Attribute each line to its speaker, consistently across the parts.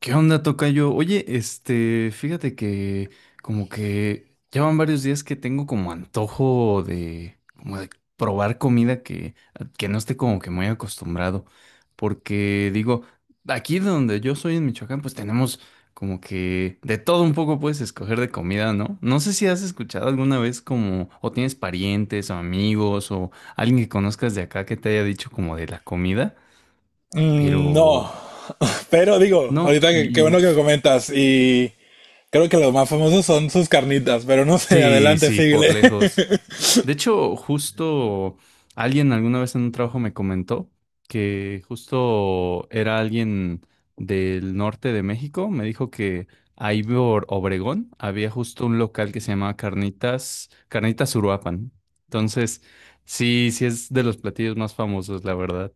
Speaker 1: ¿Qué onda, tocayo? Oye, fíjate que como que llevan varios días que tengo como antojo de como de probar comida que no esté como que muy acostumbrado. Porque digo, aquí donde yo soy en Michoacán, pues tenemos como que de todo un poco, puedes escoger de comida, ¿no? No sé si has escuchado alguna vez, como, o tienes parientes o amigos o alguien que conozcas de acá que te haya dicho como de la comida,
Speaker 2: Mm, no.
Speaker 1: pero
Speaker 2: Pero digo,
Speaker 1: no,
Speaker 2: ahorita qué
Speaker 1: y
Speaker 2: bueno que me comentas, y creo que los más famosos son sus carnitas, pero no sé.
Speaker 1: sí,
Speaker 2: Adelante,
Speaker 1: sí, por
Speaker 2: síguele.
Speaker 1: lejos. De hecho, justo alguien alguna vez en un trabajo me comentó que justo era alguien del norte de México. Me dijo que ahí por Obregón había justo un local que se llamaba Carnitas, Carnitas Uruapan. Entonces, sí, sí es de los platillos más famosos, la verdad.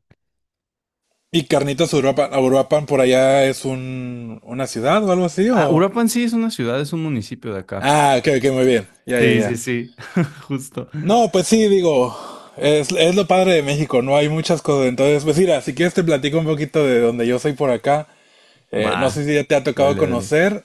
Speaker 2: ¿Y carnitas Uruapan? Uruapan por allá es una ciudad o algo así,
Speaker 1: Ah,
Speaker 2: o...
Speaker 1: Uruapan sí es una ciudad, es un municipio de acá.
Speaker 2: Ah, ok, ok, muy bien. Ya, ya,
Speaker 1: Sí, sí,
Speaker 2: ya.
Speaker 1: sí, justo.
Speaker 2: No, pues sí, digo, es lo padre de México, no hay muchas cosas. Entonces, pues mira, si quieres te platico un poquito de donde yo soy por acá. No sé
Speaker 1: Va,
Speaker 2: si ya te ha tocado
Speaker 1: dale, dale.
Speaker 2: conocer.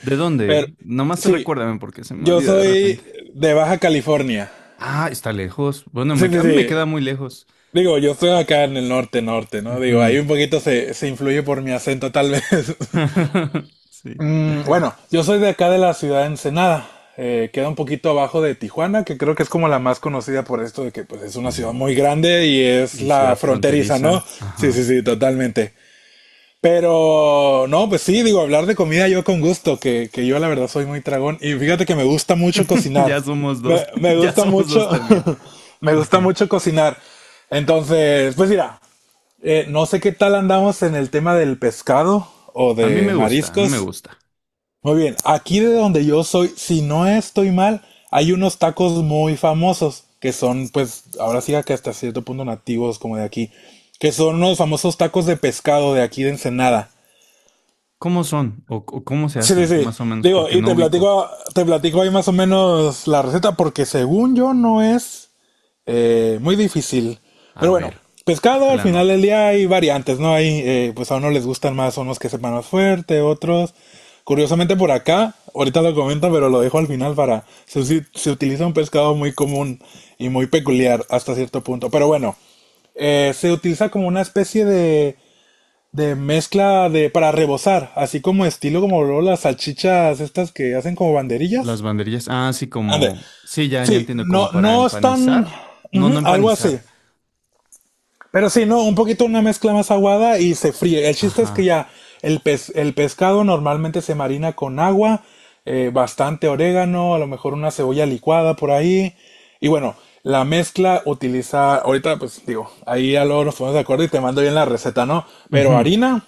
Speaker 1: ¿De
Speaker 2: Pero
Speaker 1: dónde? Nomás
Speaker 2: sí,
Speaker 1: recuérdame porque se me
Speaker 2: yo
Speaker 1: olvida de repente.
Speaker 2: soy de Baja California.
Speaker 1: Ah, está lejos. Bueno,
Speaker 2: Sí, sí,
Speaker 1: a mí me
Speaker 2: sí.
Speaker 1: queda muy lejos.
Speaker 2: Digo, yo estoy acá en el norte, norte, ¿no? Digo, ahí
Speaker 1: Ujú.
Speaker 2: un poquito se influye por mi acento, tal vez.
Speaker 1: Sí.
Speaker 2: Bueno, yo soy de acá de la ciudad de Ensenada. Queda un poquito abajo de Tijuana, que creo que es como la más conocida por esto de que, pues, es una
Speaker 1: Mm,
Speaker 2: ciudad muy grande y es
Speaker 1: Y
Speaker 2: la
Speaker 1: ciudad
Speaker 2: fronteriza, ¿no?
Speaker 1: fronteriza.
Speaker 2: Sí, sí,
Speaker 1: Ajá.
Speaker 2: sí, totalmente. Pero no, pues sí, digo, hablar de comida yo con gusto, que yo la verdad soy muy tragón. Y fíjate que me gusta mucho cocinar.
Speaker 1: Ya somos dos.
Speaker 2: Me
Speaker 1: Ya
Speaker 2: gusta
Speaker 1: somos
Speaker 2: mucho,
Speaker 1: dos también.
Speaker 2: me gusta
Speaker 1: Ajá.
Speaker 2: mucho cocinar. Entonces, pues mira, no sé qué tal andamos en el tema del pescado o
Speaker 1: A mí
Speaker 2: de
Speaker 1: me gusta, a mí me
Speaker 2: mariscos.
Speaker 1: gusta.
Speaker 2: Muy bien, aquí de donde yo soy, si no estoy mal, hay unos tacos muy famosos que son, pues, ahora sí que hasta cierto punto nativos como de aquí, que son los famosos tacos de pescado de aquí de Ensenada.
Speaker 1: ¿Cómo son? O cómo se
Speaker 2: Sí, sí,
Speaker 1: hacen?
Speaker 2: sí.
Speaker 1: Más o menos,
Speaker 2: Digo,
Speaker 1: porque
Speaker 2: y
Speaker 1: no ubico.
Speaker 2: te platico ahí más o menos la receta porque, según yo, no es muy difícil.
Speaker 1: A
Speaker 2: Pero bueno,
Speaker 1: ver,
Speaker 2: pescado al
Speaker 1: déjala
Speaker 2: final del
Speaker 1: anoto.
Speaker 2: día hay variantes, ¿no? Hay, pues a uno les gustan más unos que sepan más fuerte, otros. Curiosamente por acá, ahorita lo comento, pero lo dejo al final para... Se utiliza un pescado muy común y muy peculiar hasta cierto punto. Pero bueno, se utiliza como una especie de mezcla de para rebozar, así como estilo como luego las salchichas estas que hacen como
Speaker 1: Las
Speaker 2: banderillas.
Speaker 1: banderillas. Ah, sí,
Speaker 2: Ande.
Speaker 1: como. Sí, ya, ya
Speaker 2: Sí,
Speaker 1: entiendo, como
Speaker 2: no,
Speaker 1: para
Speaker 2: no están
Speaker 1: empanizar. No,
Speaker 2: ujú,
Speaker 1: no
Speaker 2: algo así.
Speaker 1: empanizar.
Speaker 2: Pero sí, no, un poquito una mezcla más aguada y se fríe. El chiste es que
Speaker 1: Ajá.
Speaker 2: ya el pescado normalmente se marina con agua, bastante orégano, a lo mejor una cebolla licuada por ahí. Y bueno, la mezcla utiliza, ahorita pues digo, ahí ya luego nos ponemos de acuerdo y te mando bien la receta, ¿no? Pero
Speaker 1: Ujú.
Speaker 2: harina,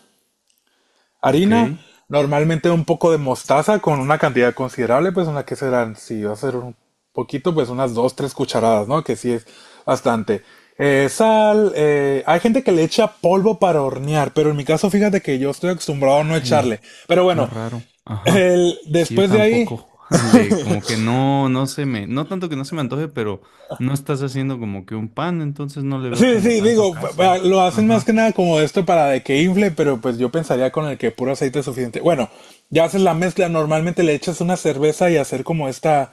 Speaker 1: Ok.
Speaker 2: harina, normalmente un poco de mostaza con una cantidad considerable, pues una que serán, si va a ser un poquito, pues unas dos, tres cucharadas, ¿no? Que sí es bastante. Sal, hay gente que le echa polvo para hornear, pero en mi caso fíjate que yo estoy acostumbrado a no
Speaker 1: Ay,
Speaker 2: echarle. Pero
Speaker 1: qué
Speaker 2: bueno,
Speaker 1: raro. Ajá. Sí, yo
Speaker 2: después de ahí
Speaker 1: tampoco. Le, como que no, no se me, no tanto que no se me antoje, pero no estás haciendo como que un pan, entonces no le
Speaker 2: sí,
Speaker 1: veo como
Speaker 2: sí, sí,
Speaker 1: tanto
Speaker 2: digo,
Speaker 1: caso.
Speaker 2: lo hacen más
Speaker 1: Ajá.
Speaker 2: que nada como esto para de que infle, pero pues yo pensaría con el que puro aceite es suficiente. Bueno, ya haces la mezcla, normalmente le echas una cerveza y hacer como esta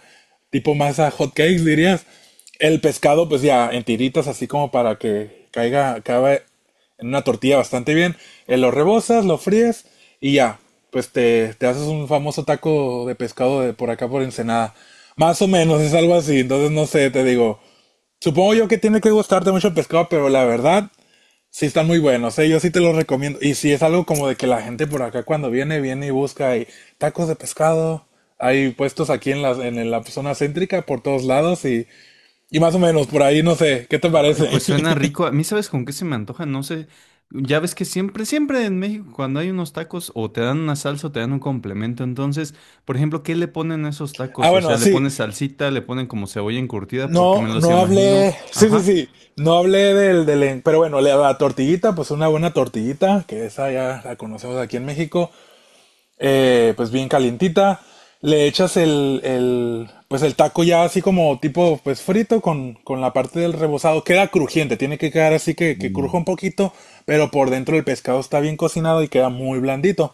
Speaker 2: tipo masa hot cakes, dirías. El pescado pues ya en tiritas así como para que caiga, caiga en una tortilla bastante bien. Lo rebozas, lo fríes y ya, pues te haces un famoso taco de pescado de por acá por Ensenada. Más o menos es algo así, entonces no sé, te digo. Supongo yo que tiene que gustarte mucho el pescado, pero la verdad, sí están muy buenos, ¿eh? Yo sí te los recomiendo. Y si es algo como de que la gente por acá cuando viene, viene y busca hay tacos de pescado. Hay puestos aquí en en la zona céntrica por todos lados y más o menos por ahí, no sé, ¿qué te
Speaker 1: Ay,
Speaker 2: parece?
Speaker 1: pues suena rico. A mí, ¿sabes con qué se me antoja? No sé. Ya ves que siempre, siempre en México, cuando hay unos tacos, o te dan una salsa o te dan un complemento. Entonces, por ejemplo, ¿qué le ponen a esos
Speaker 2: Ah,
Speaker 1: tacos? O sea,
Speaker 2: bueno,
Speaker 1: le
Speaker 2: sí,
Speaker 1: ponen salsita, le ponen como cebolla encurtida, porque
Speaker 2: no,
Speaker 1: me los
Speaker 2: no
Speaker 1: imagino.
Speaker 2: hablé, sí, sí,
Speaker 1: Ajá.
Speaker 2: sí, no hablé pero bueno, la tortillita, pues una buena tortillita, que esa ya la conocemos aquí en México. Pues bien calientita. Le echas pues el taco ya así como tipo pues frito con la parte del rebozado. Queda crujiente, tiene que quedar así que cruja un poquito, pero por dentro el pescado está bien cocinado y queda muy blandito.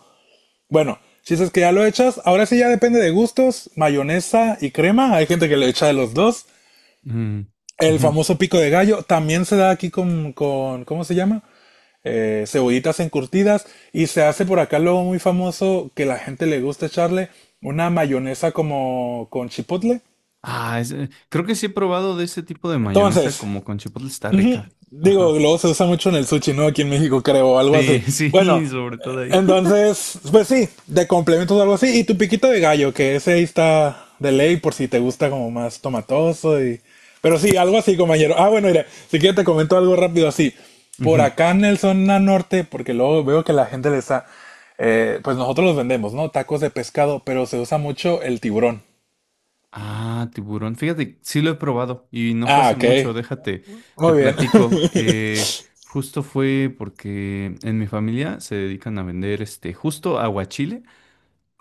Speaker 2: Bueno, si es que ya lo echas, ahora sí ya depende de gustos, mayonesa y crema. Hay gente que le echa de los dos.
Speaker 1: Mm,
Speaker 2: El
Speaker 1: ujú.
Speaker 2: famoso pico de gallo también se da aquí con, ¿cómo se llama? Cebollitas encurtidas, y se hace por acá luego muy famoso que la gente le gusta echarle una mayonesa como con chipotle.
Speaker 1: Creo que sí he probado de ese tipo de mayonesa
Speaker 2: Entonces,
Speaker 1: como con chipotle, está
Speaker 2: ujú,
Speaker 1: rica.
Speaker 2: digo,
Speaker 1: Ajá.
Speaker 2: luego se usa mucho en el sushi, ¿no? Aquí en México, creo, algo así.
Speaker 1: Sí,
Speaker 2: Bueno,
Speaker 1: sí, sobre todo ahí.
Speaker 2: entonces, pues sí, de complementos algo así. Y tu piquito de gallo, que ese ahí está de ley por si te gusta como más tomatoso y... Pero sí, algo así, compañero. Ah, bueno, mira, si quieres te comento algo rápido así. Por
Speaker 1: Ujú.
Speaker 2: acá en el zona norte, porque luego veo que la gente le está... Pues nosotros los vendemos, ¿no? Tacos de pescado, pero se usa mucho el tiburón.
Speaker 1: Ah, tiburón. Fíjate, sí lo he probado y no fue
Speaker 2: Ah,
Speaker 1: hace
Speaker 2: ok.
Speaker 1: mucho, déjate, te
Speaker 2: Muy bien.
Speaker 1: platico. Justo fue porque en mi familia se dedican a vender justo aguachile.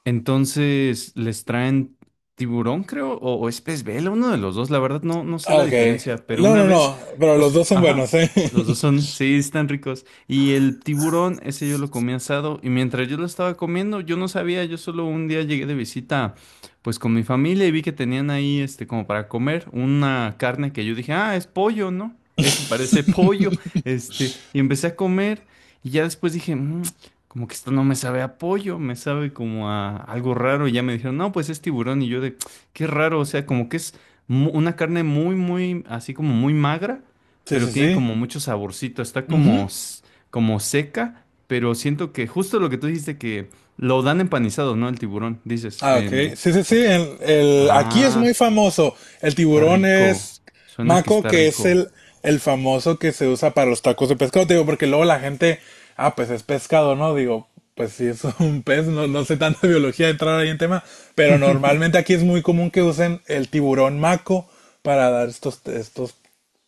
Speaker 1: Entonces, les traen tiburón, creo, o es pez vela, uno de los dos. La verdad, no, no sé
Speaker 2: Ah,
Speaker 1: la
Speaker 2: ok.
Speaker 1: diferencia, pero
Speaker 2: No,
Speaker 1: una
Speaker 2: no,
Speaker 1: vez,
Speaker 2: no. Pero los
Speaker 1: justo,
Speaker 2: dos son
Speaker 1: ajá,
Speaker 2: buenos, ¿eh?
Speaker 1: los dos son, sí, están ricos. Y el tiburón, ese yo lo comí asado, y mientras yo lo estaba comiendo, yo no sabía, yo solo un día llegué de visita, pues con mi familia, y vi que tenían ahí, este, como para comer, una carne que yo dije, ah, es pollo, ¿no? Eso parece pollo, este, y empecé a comer, y ya después dije, "Mm, como que esto no me sabe a pollo, me sabe como a algo raro". Y ya me dijeron, no, pues es tiburón. Y yo de, qué raro, o sea, como que es una carne muy, muy, así como muy magra,
Speaker 2: Sí,
Speaker 1: pero
Speaker 2: sí,
Speaker 1: tiene
Speaker 2: sí.
Speaker 1: como mucho saborcito, está como,
Speaker 2: Ujú.
Speaker 1: como seca, pero siento que justo lo que tú dijiste, que lo dan empanizado, ¿no? El tiburón, dices,
Speaker 2: Ah,
Speaker 1: en,
Speaker 2: ok. Sí, sí, sí. Aquí es
Speaker 1: ah,
Speaker 2: muy famoso. El
Speaker 1: está
Speaker 2: tiburón
Speaker 1: rico,
Speaker 2: es
Speaker 1: suena que
Speaker 2: maco,
Speaker 1: está
Speaker 2: que es
Speaker 1: rico.
Speaker 2: el famoso que se usa para los tacos de pescado. Te digo, porque luego la gente, ah, pues es pescado, ¿no? Digo, pues sí, es un pez. No, no sé tanta biología entrar ahí en tema. Pero normalmente aquí es muy común que usen el tiburón maco para dar estos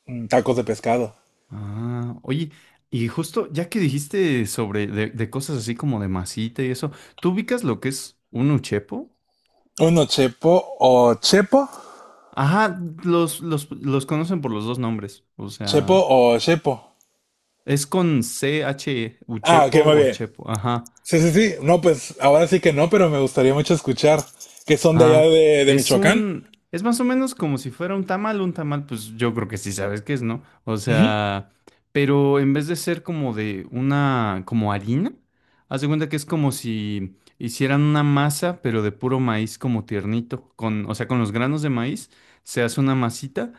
Speaker 2: tacos de pescado.
Speaker 1: Ah, oye, y justo ya que dijiste sobre de cosas así como de masita y eso, ¿tú ubicas lo que es un uchepo?
Speaker 2: Uno chepo o chepo.
Speaker 1: Ajá, los conocen por los dos nombres, o
Speaker 2: Chepo
Speaker 1: sea,
Speaker 2: o chepo.
Speaker 1: es con CH,
Speaker 2: Ah, ok,
Speaker 1: uchepo
Speaker 2: muy
Speaker 1: o
Speaker 2: bien.
Speaker 1: chepo, ajá.
Speaker 2: Sí, sí, sí. No, pues ahora sí que no, pero me gustaría mucho escuchar que son de allá
Speaker 1: Ah,
Speaker 2: de
Speaker 1: es
Speaker 2: Michoacán.
Speaker 1: un, es más o menos como si fuera un tamal, pues yo creo que sí sabes qué es, ¿no? O
Speaker 2: Ujú.
Speaker 1: sea, pero en vez de ser como de una, como harina, haz de cuenta que es como si hicieran una masa, pero de puro maíz como tiernito, con, o sea, con los granos de maíz se hace una masita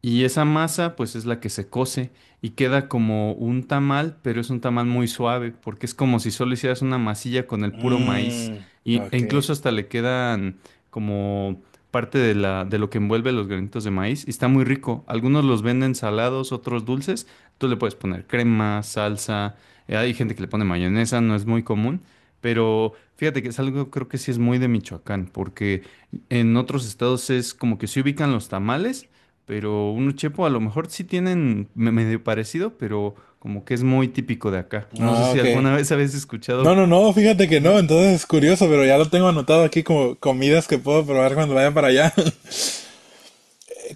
Speaker 1: y esa masa pues es la que se cose y queda como un tamal, pero es un tamal muy suave, porque es como si solo hicieras una masilla con el puro maíz
Speaker 2: Mm,
Speaker 1: y, e
Speaker 2: ok.
Speaker 1: incluso hasta le quedan como parte de la, de lo que envuelve los granitos de maíz, y está muy rico. Algunos los venden salados, otros dulces. Tú le puedes poner crema, salsa. Hay gente que le pone mayonesa, no es muy común. Pero fíjate que es algo, creo que sí es muy de Michoacán, porque en otros estados es como que se ubican los tamales, pero uno chepo a lo mejor sí tienen medio parecido, pero como que es muy típico de acá. No sé
Speaker 2: Ah,
Speaker 1: si
Speaker 2: ok.
Speaker 1: alguna vez habéis
Speaker 2: No,
Speaker 1: escuchado,
Speaker 2: no, no, fíjate que no,
Speaker 1: ¿no?
Speaker 2: entonces es curioso, pero ya lo tengo anotado aquí como comidas que puedo probar cuando vaya para allá.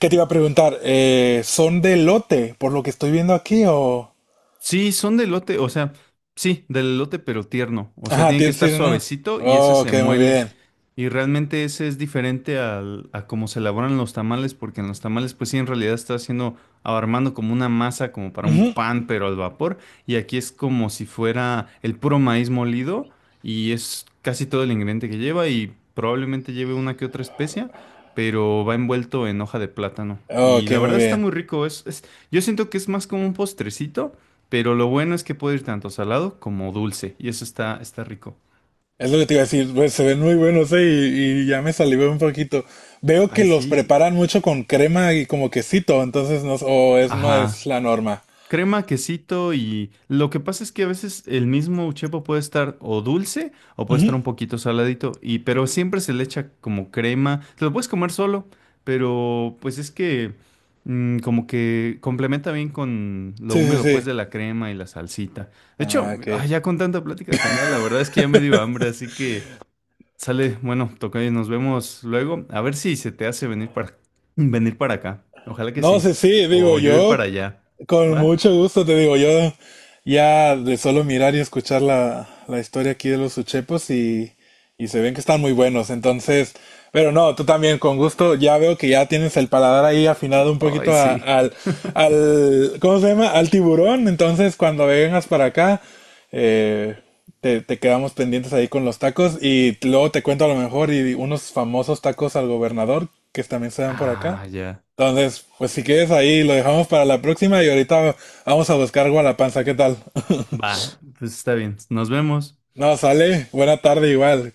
Speaker 2: ¿Qué te iba a preguntar? ¿Son de lote, por lo que estoy viendo aquí, o...?
Speaker 1: Sí, son de elote, o sea, sí, del elote pero tierno. O sea,
Speaker 2: Ajá,
Speaker 1: tiene que estar
Speaker 2: sí, no.
Speaker 1: suavecito y ese se
Speaker 2: Ok, muy
Speaker 1: muele.
Speaker 2: bien.
Speaker 1: Y realmente ese es diferente al, a cómo se elaboran los tamales, porque en los tamales, pues sí, en realidad está haciendo, armando como una masa, como para un
Speaker 2: Ujú.
Speaker 1: pan, pero al vapor. Y aquí es como si fuera el puro maíz molido, y es casi todo el ingrediente que lleva, y probablemente lleve una que otra especia, pero va envuelto en hoja de plátano. Y
Speaker 2: Ok,
Speaker 1: la
Speaker 2: muy
Speaker 1: verdad está
Speaker 2: bien.
Speaker 1: muy rico, es, yo siento que es más como un postrecito, pero lo bueno es que puede ir tanto salado como dulce, y eso está, está rico.
Speaker 2: Es lo que te iba a decir, pues, se ven muy buenos, y ya me salivé un poquito. Veo
Speaker 1: Ay,
Speaker 2: que los
Speaker 1: sí.
Speaker 2: preparan mucho con crema y como quesito, entonces no, o es, no
Speaker 1: Ajá.
Speaker 2: es la norma.
Speaker 1: Crema, quesito y lo que pasa es que a veces el mismo chepo puede estar o dulce o puede estar
Speaker 2: Ujú.
Speaker 1: un poquito saladito y, pero siempre se le echa como crema. Te lo puedes comer solo, pero pues es que como que complementa bien con lo
Speaker 2: Sí, sí,
Speaker 1: húmedo pues
Speaker 2: sí.
Speaker 1: de la crema y la salsita. De hecho,
Speaker 2: Ah, ok.
Speaker 1: ay, ya con tanta plática de comida, la verdad es que ya me dio hambre, así que sale, bueno, toca y nos vemos luego. A ver si se te hace venir para venir para acá. Ojalá que
Speaker 2: No,
Speaker 1: sí.
Speaker 2: sí, sí, digo,
Speaker 1: O yo ir
Speaker 2: yo
Speaker 1: para allá.
Speaker 2: con
Speaker 1: ¿Va?
Speaker 2: mucho gusto te digo, yo ya de solo mirar y escuchar la historia aquí de los uchepos y se ven que están muy buenos, entonces, pero no, tú también con gusto, ya veo que ya tienes el paladar ahí afinado un
Speaker 1: Ay,
Speaker 2: poquito
Speaker 1: sí.
Speaker 2: al, al, ¿cómo se llama? Al tiburón, entonces cuando vengas para acá, eh, te quedamos pendientes ahí con los tacos y luego te cuento a lo mejor y unos famosos tacos al gobernador que también se dan por acá.
Speaker 1: Ah, ya.
Speaker 2: Entonces, pues si quieres ahí, lo dejamos para la próxima y ahorita vamos a buscar Gualapanza, ¿qué tal?
Speaker 1: Va, pues está bien. Nos vemos.
Speaker 2: No, sale, buena tarde igual.